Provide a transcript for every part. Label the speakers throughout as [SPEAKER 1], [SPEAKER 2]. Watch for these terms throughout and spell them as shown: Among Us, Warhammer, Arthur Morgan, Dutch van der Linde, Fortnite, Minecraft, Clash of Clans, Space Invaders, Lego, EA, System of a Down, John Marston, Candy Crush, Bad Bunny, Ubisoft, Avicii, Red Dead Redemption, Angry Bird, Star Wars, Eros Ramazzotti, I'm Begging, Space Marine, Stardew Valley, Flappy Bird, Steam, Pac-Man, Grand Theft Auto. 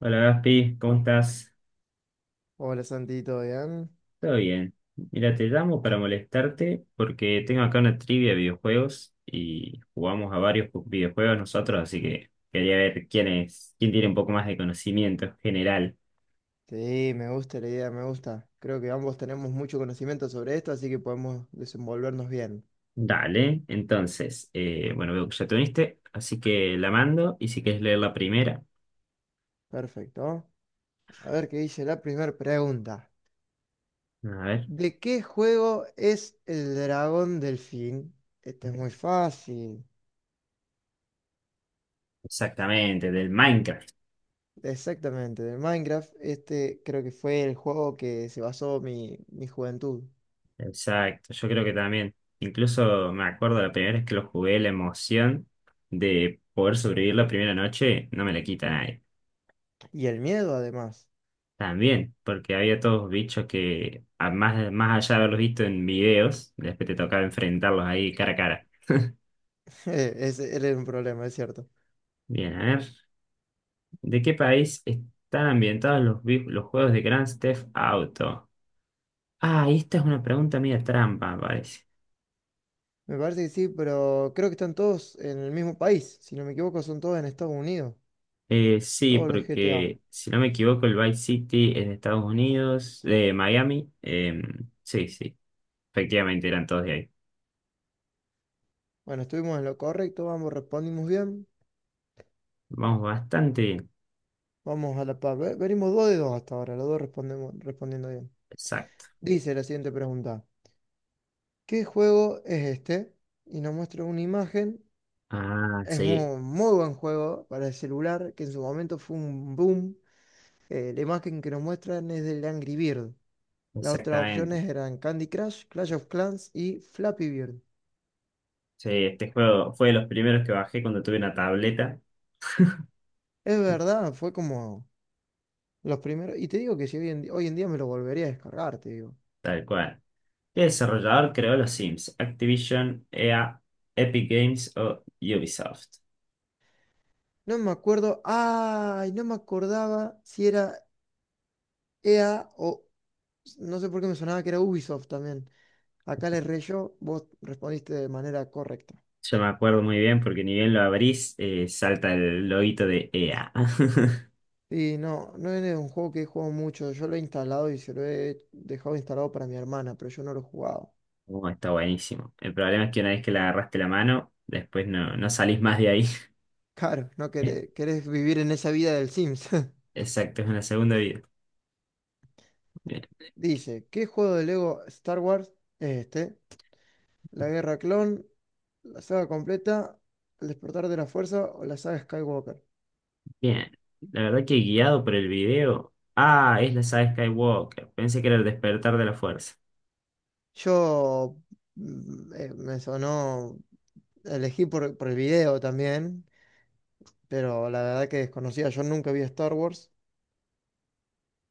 [SPEAKER 1] Hola Gaspi, ¿cómo estás?
[SPEAKER 2] Hola Santi, ¿todo bien?
[SPEAKER 1] Todo bien. Mira, te llamo para molestarte porque tengo acá una trivia de videojuegos y jugamos a varios videojuegos nosotros, así que quería ver quién es, quién tiene un poco más de conocimiento general.
[SPEAKER 2] Sí, me gusta la idea, me gusta. Creo que ambos tenemos mucho conocimiento sobre esto, así que podemos desenvolvernos bien.
[SPEAKER 1] Dale, entonces, bueno, veo que ya te uniste, así que la mando y si quieres leer la primera,
[SPEAKER 2] Perfecto. A ver qué dice la primera pregunta.
[SPEAKER 1] a ver,
[SPEAKER 2] ¿De qué juego es el dragón delfín? Este es muy fácil.
[SPEAKER 1] exactamente, del Minecraft.
[SPEAKER 2] Exactamente, de Minecraft. Este creo que fue el juego que se basó mi juventud.
[SPEAKER 1] Exacto, yo creo que también, incluso me acuerdo la primera vez que lo jugué, la emoción de poder sobrevivir la primera noche no me la quita nadie.
[SPEAKER 2] Y el miedo, además.
[SPEAKER 1] También, porque había todos bichos que, a más, más allá de haberlos visto en videos, después te tocaba enfrentarlos ahí cara a cara.
[SPEAKER 2] Ese era un problema, es cierto.
[SPEAKER 1] Bien, a ver, ¿de qué país están ambientados los juegos de Grand Theft Auto? Ah, y esta es una pregunta media trampa, me parece.
[SPEAKER 2] Me parece que sí, pero creo que están todos en el mismo país. Si no me equivoco, son todos en Estados Unidos.
[SPEAKER 1] Sí,
[SPEAKER 2] Todos los GTA.
[SPEAKER 1] porque si no me equivoco, el Vice City es de Estados Unidos, de Miami. Sí, sí, efectivamente eran todos de ahí.
[SPEAKER 2] Bueno, estuvimos en lo correcto, vamos respondimos bien.
[SPEAKER 1] Vamos bastante bien.
[SPEAKER 2] Vamos a la par. Venimos dos de dos hasta ahora, los dos respondiendo bien.
[SPEAKER 1] Exacto.
[SPEAKER 2] Dice la siguiente pregunta. ¿Qué juego es este? Y nos muestra una imagen.
[SPEAKER 1] Ah,
[SPEAKER 2] Es
[SPEAKER 1] sí,
[SPEAKER 2] muy, muy buen juego para el celular, que en su momento fue un boom. La imagen que nos muestran es del Angry Bird. Las otras
[SPEAKER 1] exactamente.
[SPEAKER 2] opciones eran Candy Crush, Clash of Clans y Flappy Bird.
[SPEAKER 1] Sí, este juego fue de los primeros que bajé cuando tuve una tableta,
[SPEAKER 2] Es verdad, fue como los primeros. Y te digo que si hoy en día me lo volvería a descargar, te digo.
[SPEAKER 1] tal cual. ¿Qué desarrollador creó los Sims? Activision, EA, Epic Games o Ubisoft.
[SPEAKER 2] No me acuerdo. ¡Ay! No me acordaba si era EA o. No sé por qué me sonaba que era Ubisoft también. Acá le erré yo, vos respondiste de manera correcta.
[SPEAKER 1] Yo me acuerdo muy bien porque ni bien lo abrís, salta el loguito de EA.
[SPEAKER 2] Y no, no es un juego que he jugado mucho. Yo lo he instalado y se lo he dejado instalado para mi hermana, pero yo no lo he jugado.
[SPEAKER 1] Oh, está buenísimo. El problema es que una vez que le agarraste la mano, después no, no salís más de ahí.
[SPEAKER 2] Claro, no
[SPEAKER 1] Eh,
[SPEAKER 2] querés, querés vivir en esa vida del Sims.
[SPEAKER 1] Exacto, es una segunda vida. Bien.
[SPEAKER 2] Dice, ¿qué juego de Lego Star Wars es este? La Guerra Clon. La saga completa, el despertar de la fuerza o la saga Skywalker.
[SPEAKER 1] Bien. La verdad que guiado por el video. Ah, es la saga Skywalker. Pensé que era el despertar de la fuerza.
[SPEAKER 2] Yo me sonó, elegí por el video también, pero la verdad que desconocía, yo nunca vi Star Wars,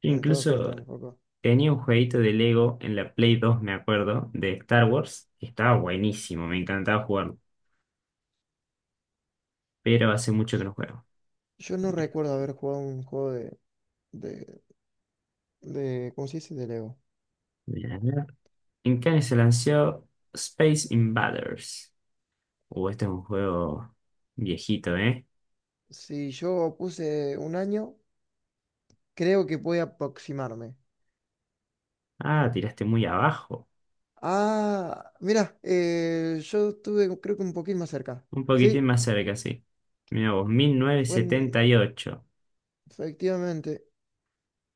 [SPEAKER 1] Yo
[SPEAKER 2] entonces
[SPEAKER 1] incluso
[SPEAKER 2] tampoco.
[SPEAKER 1] tenía un jueguito de Lego en la Play 2 me acuerdo, de Star Wars. Que Estaba buenísimo, me encantaba jugarlo. Pero hace mucho que no juego.
[SPEAKER 2] Yo no recuerdo haber jugado un juego de, de ¿cómo se dice? De Lego.
[SPEAKER 1] Bien, a ver. En Cannes se lanzó Space Invaders. Este es un juego viejito, ¿eh?
[SPEAKER 2] Si yo puse un año, creo que puede aproximarme.
[SPEAKER 1] Ah, tiraste muy abajo.
[SPEAKER 2] Ah, mira, yo estuve creo que un poquito más cerca.
[SPEAKER 1] Un
[SPEAKER 2] Sí,
[SPEAKER 1] poquitín más cerca, sí. Mira vos, mil novecientos
[SPEAKER 2] fue en-
[SPEAKER 1] setenta y ocho.
[SPEAKER 2] Efectivamente,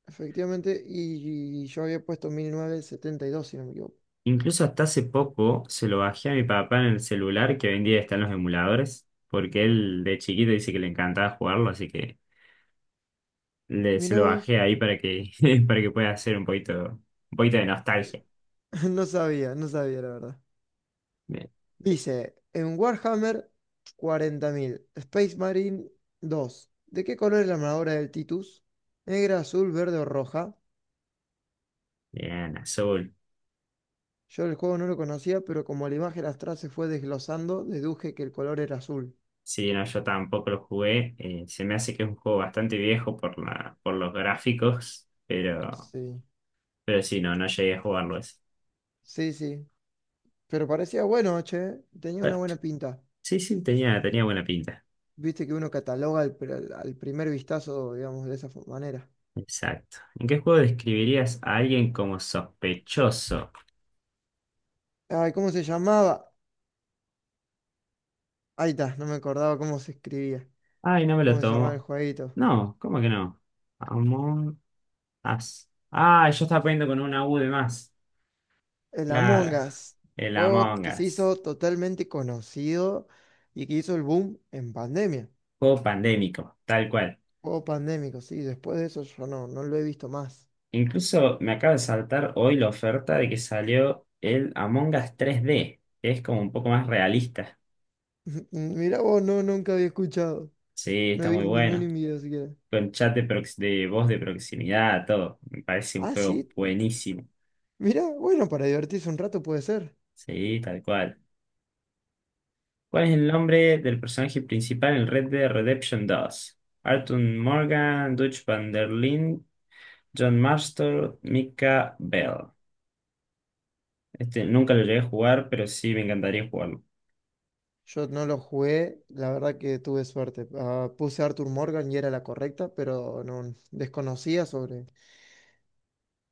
[SPEAKER 2] Efectivamente, y, yo había puesto 1972 si no me equivoco.
[SPEAKER 1] Incluso hasta hace poco se lo bajé a mi papá en el celular que hoy en día está en los emuladores, porque él de chiquito dice que le encantaba jugarlo, así que se
[SPEAKER 2] Mirá
[SPEAKER 1] lo
[SPEAKER 2] vos,
[SPEAKER 1] bajé ahí para que, para que pueda hacer un poquito de nostalgia.
[SPEAKER 2] no sabía, no sabía la verdad.
[SPEAKER 1] Bien.
[SPEAKER 2] Dice, en Warhammer 40,000 Space Marine 2, ¿de qué color es la armadura del Titus? ¿Negra, azul, verde o roja?
[SPEAKER 1] Bien, azul.
[SPEAKER 2] Yo el juego no lo conocía, pero como la imagen astral se fue desglosando, deduje que el color era azul.
[SPEAKER 1] Sí, no, yo tampoco lo jugué. Se me hace que es un juego bastante viejo por los gráficos,
[SPEAKER 2] Sí,
[SPEAKER 1] pero sí, no, no llegué a jugarlo ese.
[SPEAKER 2] sí, sí. Pero parecía bueno, che, tenía una
[SPEAKER 1] Bueno,
[SPEAKER 2] buena pinta.
[SPEAKER 1] sí, sí, tenía, tenía buena pinta.
[SPEAKER 2] Viste que uno cataloga al, pr- al al primer vistazo, digamos, de esa manera.
[SPEAKER 1] Exacto. ¿En qué juego describirías a alguien como sospechoso?
[SPEAKER 2] Ay, ¿cómo se llamaba? Ahí está, no me acordaba cómo se escribía.
[SPEAKER 1] Ay, no me lo
[SPEAKER 2] ¿Cómo se llamaba el
[SPEAKER 1] tomo.
[SPEAKER 2] jueguito?
[SPEAKER 1] No, ¿cómo que no? Among Us. Ah, yo estaba poniendo con una U de más.
[SPEAKER 2] El Among
[SPEAKER 1] Claro.
[SPEAKER 2] Us.
[SPEAKER 1] El
[SPEAKER 2] Juego
[SPEAKER 1] Among
[SPEAKER 2] que se
[SPEAKER 1] Us.
[SPEAKER 2] hizo totalmente conocido y que hizo el boom en pandemia.
[SPEAKER 1] Juego pandémico, tal cual.
[SPEAKER 2] Juego pandémico, sí. Después de eso yo no lo he visto más.
[SPEAKER 1] Incluso me acaba de saltar hoy la oferta de que salió el Among Us 3D, que es como un poco más realista.
[SPEAKER 2] Mirá vos, no, nunca había escuchado.
[SPEAKER 1] Sí,
[SPEAKER 2] No he
[SPEAKER 1] está muy
[SPEAKER 2] visto ningún
[SPEAKER 1] bueno.
[SPEAKER 2] video siquiera.
[SPEAKER 1] con chat de, prox- de voz de proximidad, todo. Me parece un
[SPEAKER 2] Ah,
[SPEAKER 1] juego
[SPEAKER 2] sí.
[SPEAKER 1] buenísimo.
[SPEAKER 2] Mirá, bueno, para divertirse un rato puede ser.
[SPEAKER 1] Sí, tal cual. ¿Cuál es el nombre del personaje principal en Red Dead Redemption dos? Arthur Morgan, Dutch van der Linde, John Marston, Mika Bell. Este nunca lo llegué a jugar, pero sí me encantaría jugarlo.
[SPEAKER 2] Yo no lo jugué, la verdad que tuve suerte. Ah, puse Arthur Morgan y era la correcta, pero no desconocía sobre,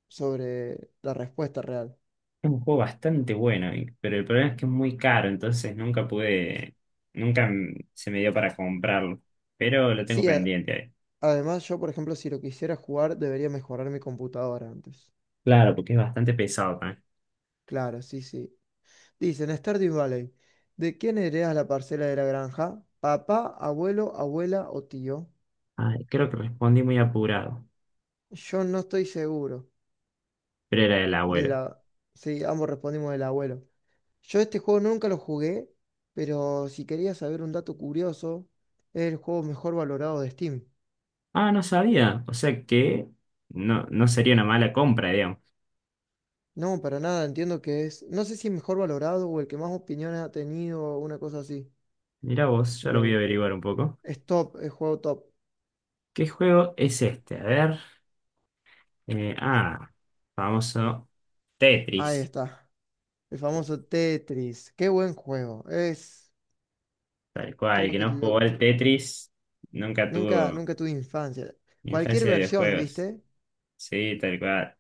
[SPEAKER 2] sobre la respuesta real.
[SPEAKER 1] Es un juego bastante bueno, pero el problema es que es muy caro, entonces nunca pude, nunca m- se me dio para comprarlo. Pero lo tengo
[SPEAKER 2] Sí,
[SPEAKER 1] pendiente ahí.
[SPEAKER 2] además yo, por ejemplo, si lo quisiera jugar, debería mejorar mi computadora antes.
[SPEAKER 1] Claro, porque es bastante pesado.
[SPEAKER 2] Claro, sí, sí. Dicen, Stardew Valley, ¿de quién heredas la parcela de la granja? ¿Papá, abuelo, abuela o tío?
[SPEAKER 1] Ay, creo que respondí muy apurado,
[SPEAKER 2] Yo no estoy seguro.
[SPEAKER 1] pero era el
[SPEAKER 2] De
[SPEAKER 1] abuelo.
[SPEAKER 2] la... Sí, ambos respondimos del abuelo. Yo este juego nunca lo jugué, pero si querías saber un dato curioso, es el juego mejor valorado de Steam.
[SPEAKER 1] Ah, no sabía. O sea que no, no sería una mala compra, digamos.
[SPEAKER 2] No, para nada, entiendo que es, no sé si mejor valorado o el que más opiniones ha tenido o una cosa así,
[SPEAKER 1] Mirá vos, ya lo voy a
[SPEAKER 2] pero
[SPEAKER 1] averiguar un poco.
[SPEAKER 2] es top, es juego top.
[SPEAKER 1] ¿Qué juego es este? A ver. eh, ah, Famoso
[SPEAKER 2] Ahí
[SPEAKER 1] Tetris.
[SPEAKER 2] está, el famoso Tetris. Qué buen juego. Es,
[SPEAKER 1] Tal cual, el
[SPEAKER 2] creo
[SPEAKER 1] que
[SPEAKER 2] que
[SPEAKER 1] no jugó
[SPEAKER 2] lo-
[SPEAKER 1] al Tetris nunca
[SPEAKER 2] nunca,
[SPEAKER 1] tuvo
[SPEAKER 2] nunca tuve infancia. Cualquier
[SPEAKER 1] infancia de
[SPEAKER 2] versión,
[SPEAKER 1] videojuegos.
[SPEAKER 2] ¿viste?
[SPEAKER 1] Sí,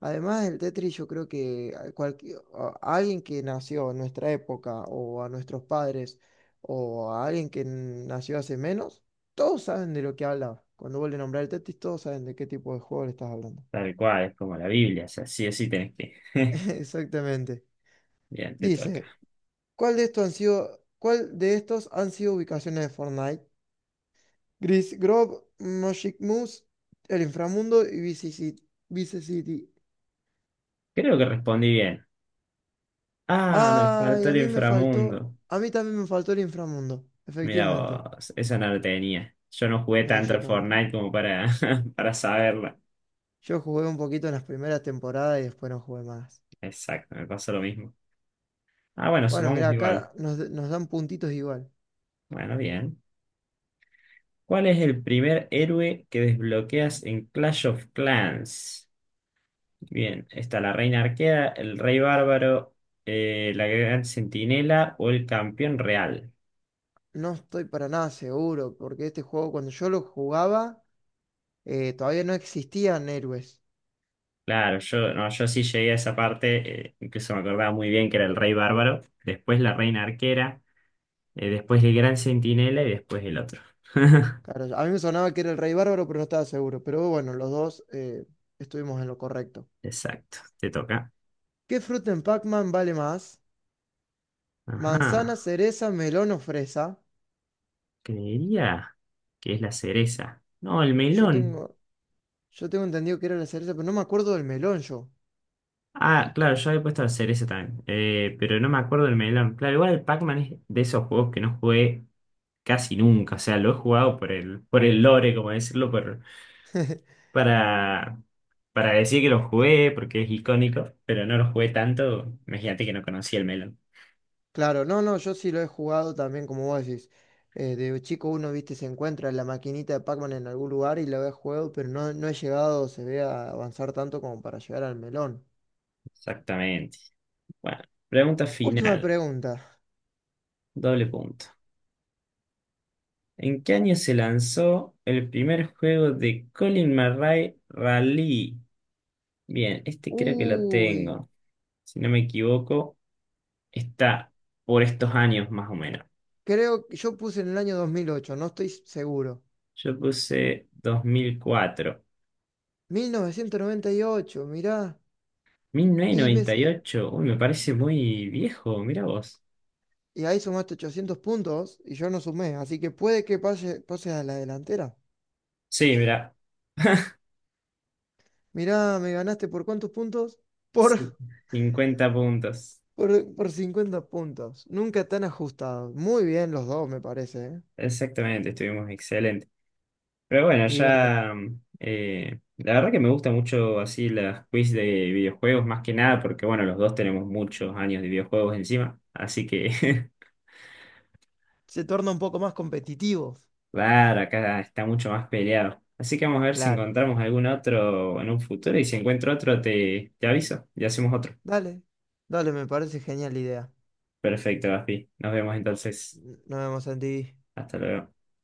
[SPEAKER 2] Además del Tetris, yo creo que a alguien que nació en nuestra época, o a nuestros padres, o a alguien que nació hace menos, todos saben de lo que habla. Cuando vuelve a nombrar el Tetris, todos saben de qué tipo de juego le estás hablando.
[SPEAKER 1] tal cual, es como la Biblia, o sea, sí o sí tenés que.
[SPEAKER 2] Exactamente.
[SPEAKER 1] Bien, te
[SPEAKER 2] Dice,
[SPEAKER 1] toca.
[SPEAKER 2] cuál de estos han sido ubicaciones de Fortnite? Gris Grove, Magic Moose, el Inframundo y Vice City.
[SPEAKER 1] Creo que respondí bien. Ah, me
[SPEAKER 2] Ay,
[SPEAKER 1] faltó el inframundo.
[SPEAKER 2] a mí también me faltó el inframundo,
[SPEAKER 1] Mira
[SPEAKER 2] efectivamente.
[SPEAKER 1] vos, esa no la tenía. Yo no jugué
[SPEAKER 2] No,
[SPEAKER 1] tanto
[SPEAKER 2] yo
[SPEAKER 1] al
[SPEAKER 2] tampoco.
[SPEAKER 1] Fortnite como para, para saberla.
[SPEAKER 2] Yo jugué un poquito en las primeras temporadas y después no jugué más.
[SPEAKER 1] Exacto, me pasó lo mismo. Ah, bueno,
[SPEAKER 2] Bueno, mirá,
[SPEAKER 1] sumamos igual.
[SPEAKER 2] acá nos dan puntitos igual.
[SPEAKER 1] Bueno, bien. ¿Cuál es el primer héroe que desbloqueas en Clash of Clans? Bien, está la Reina Arquera, el Rey Bárbaro, la Gran Centinela o el Campeón Real.
[SPEAKER 2] No estoy para nada seguro, porque este juego cuando yo lo jugaba, todavía no existían héroes.
[SPEAKER 1] Claro, yo, no, yo sí llegué a esa parte, incluso me acordaba muy bien que era el Rey Bárbaro. Después la Reina Arquera. Después el Gran Centinela y después el otro.
[SPEAKER 2] Claro, a mí me sonaba que era el Rey Bárbaro, pero no estaba seguro. Pero bueno, los dos estuvimos en lo correcto.
[SPEAKER 1] Exacto, te toca.
[SPEAKER 2] ¿Qué fruta en Pac-Man vale más? ¿Manzana,
[SPEAKER 1] Ajá,
[SPEAKER 2] cereza, melón o fresa?
[SPEAKER 1] creería que es la cereza. No, el
[SPEAKER 2] Yo
[SPEAKER 1] melón.
[SPEAKER 2] tengo. Yo tengo entendido que era la cereza, pero no me acuerdo del melón yo.
[SPEAKER 1] Ah, claro, yo había puesto la cereza también, pero no me acuerdo del melón. Claro, igual el Pac-Man es de esos juegos que no jugué casi nunca. O sea, lo he jugado por el lore, como decirlo, para, para decir que lo jugué, porque es icónico, pero no lo jugué tanto. Imagínate que no conocía el melón.
[SPEAKER 2] Claro, no, no, yo sí lo he jugado también, como vos decís. De chico uno, viste, se encuentra la maquinita de Pac-Man en algún lugar y la he jugado, pero no he llegado, se ve, a avanzar tanto como para llegar al melón.
[SPEAKER 1] Exactamente. Bueno, pregunta
[SPEAKER 2] Última
[SPEAKER 1] final.
[SPEAKER 2] pregunta.
[SPEAKER 1] Doble punto. ¿En qué año se lanzó el primer juego de Colin Murray Rally? Bien, este creo que lo
[SPEAKER 2] Uy,
[SPEAKER 1] tengo. Si no me equivoco, está por estos años más o menos.
[SPEAKER 2] creo que yo puse en el año 2008, no estoy seguro.
[SPEAKER 1] Yo puse 2004.
[SPEAKER 2] 1998, mirá. Y, me, s-
[SPEAKER 1] 1998. Uy, me parece muy viejo. Mira vos.
[SPEAKER 2] y ahí sumaste 800 puntos y yo no sumé, así que puede que pase a la delantera.
[SPEAKER 1] Sí, mira.
[SPEAKER 2] Mirá, ¿me ganaste por cuántos puntos? Por,
[SPEAKER 1] Sí. 50 puntos.
[SPEAKER 2] por 50 puntos. Nunca tan ajustado. Muy bien los dos, me parece, ¿eh?
[SPEAKER 1] Exactamente, estuvimos excelentes. Pero bueno,
[SPEAKER 2] Y bueno,
[SPEAKER 1] ya. La verdad que me gusta mucho así las quiz de videojuegos, más que nada, porque bueno, los dos tenemos muchos años de videojuegos encima. Así que,
[SPEAKER 2] se torna un poco más competitivo.
[SPEAKER 1] claro, acá está mucho más peleado. Así que vamos a ver si
[SPEAKER 2] Claro.
[SPEAKER 1] encontramos algún otro en un futuro y si encuentro otro, te aviso y hacemos otro.
[SPEAKER 2] Dale, dale, me parece genial la idea.
[SPEAKER 1] Perfecto, Gaspi. Nos vemos entonces.
[SPEAKER 2] Nos vemos en TV.
[SPEAKER 1] Hasta luego.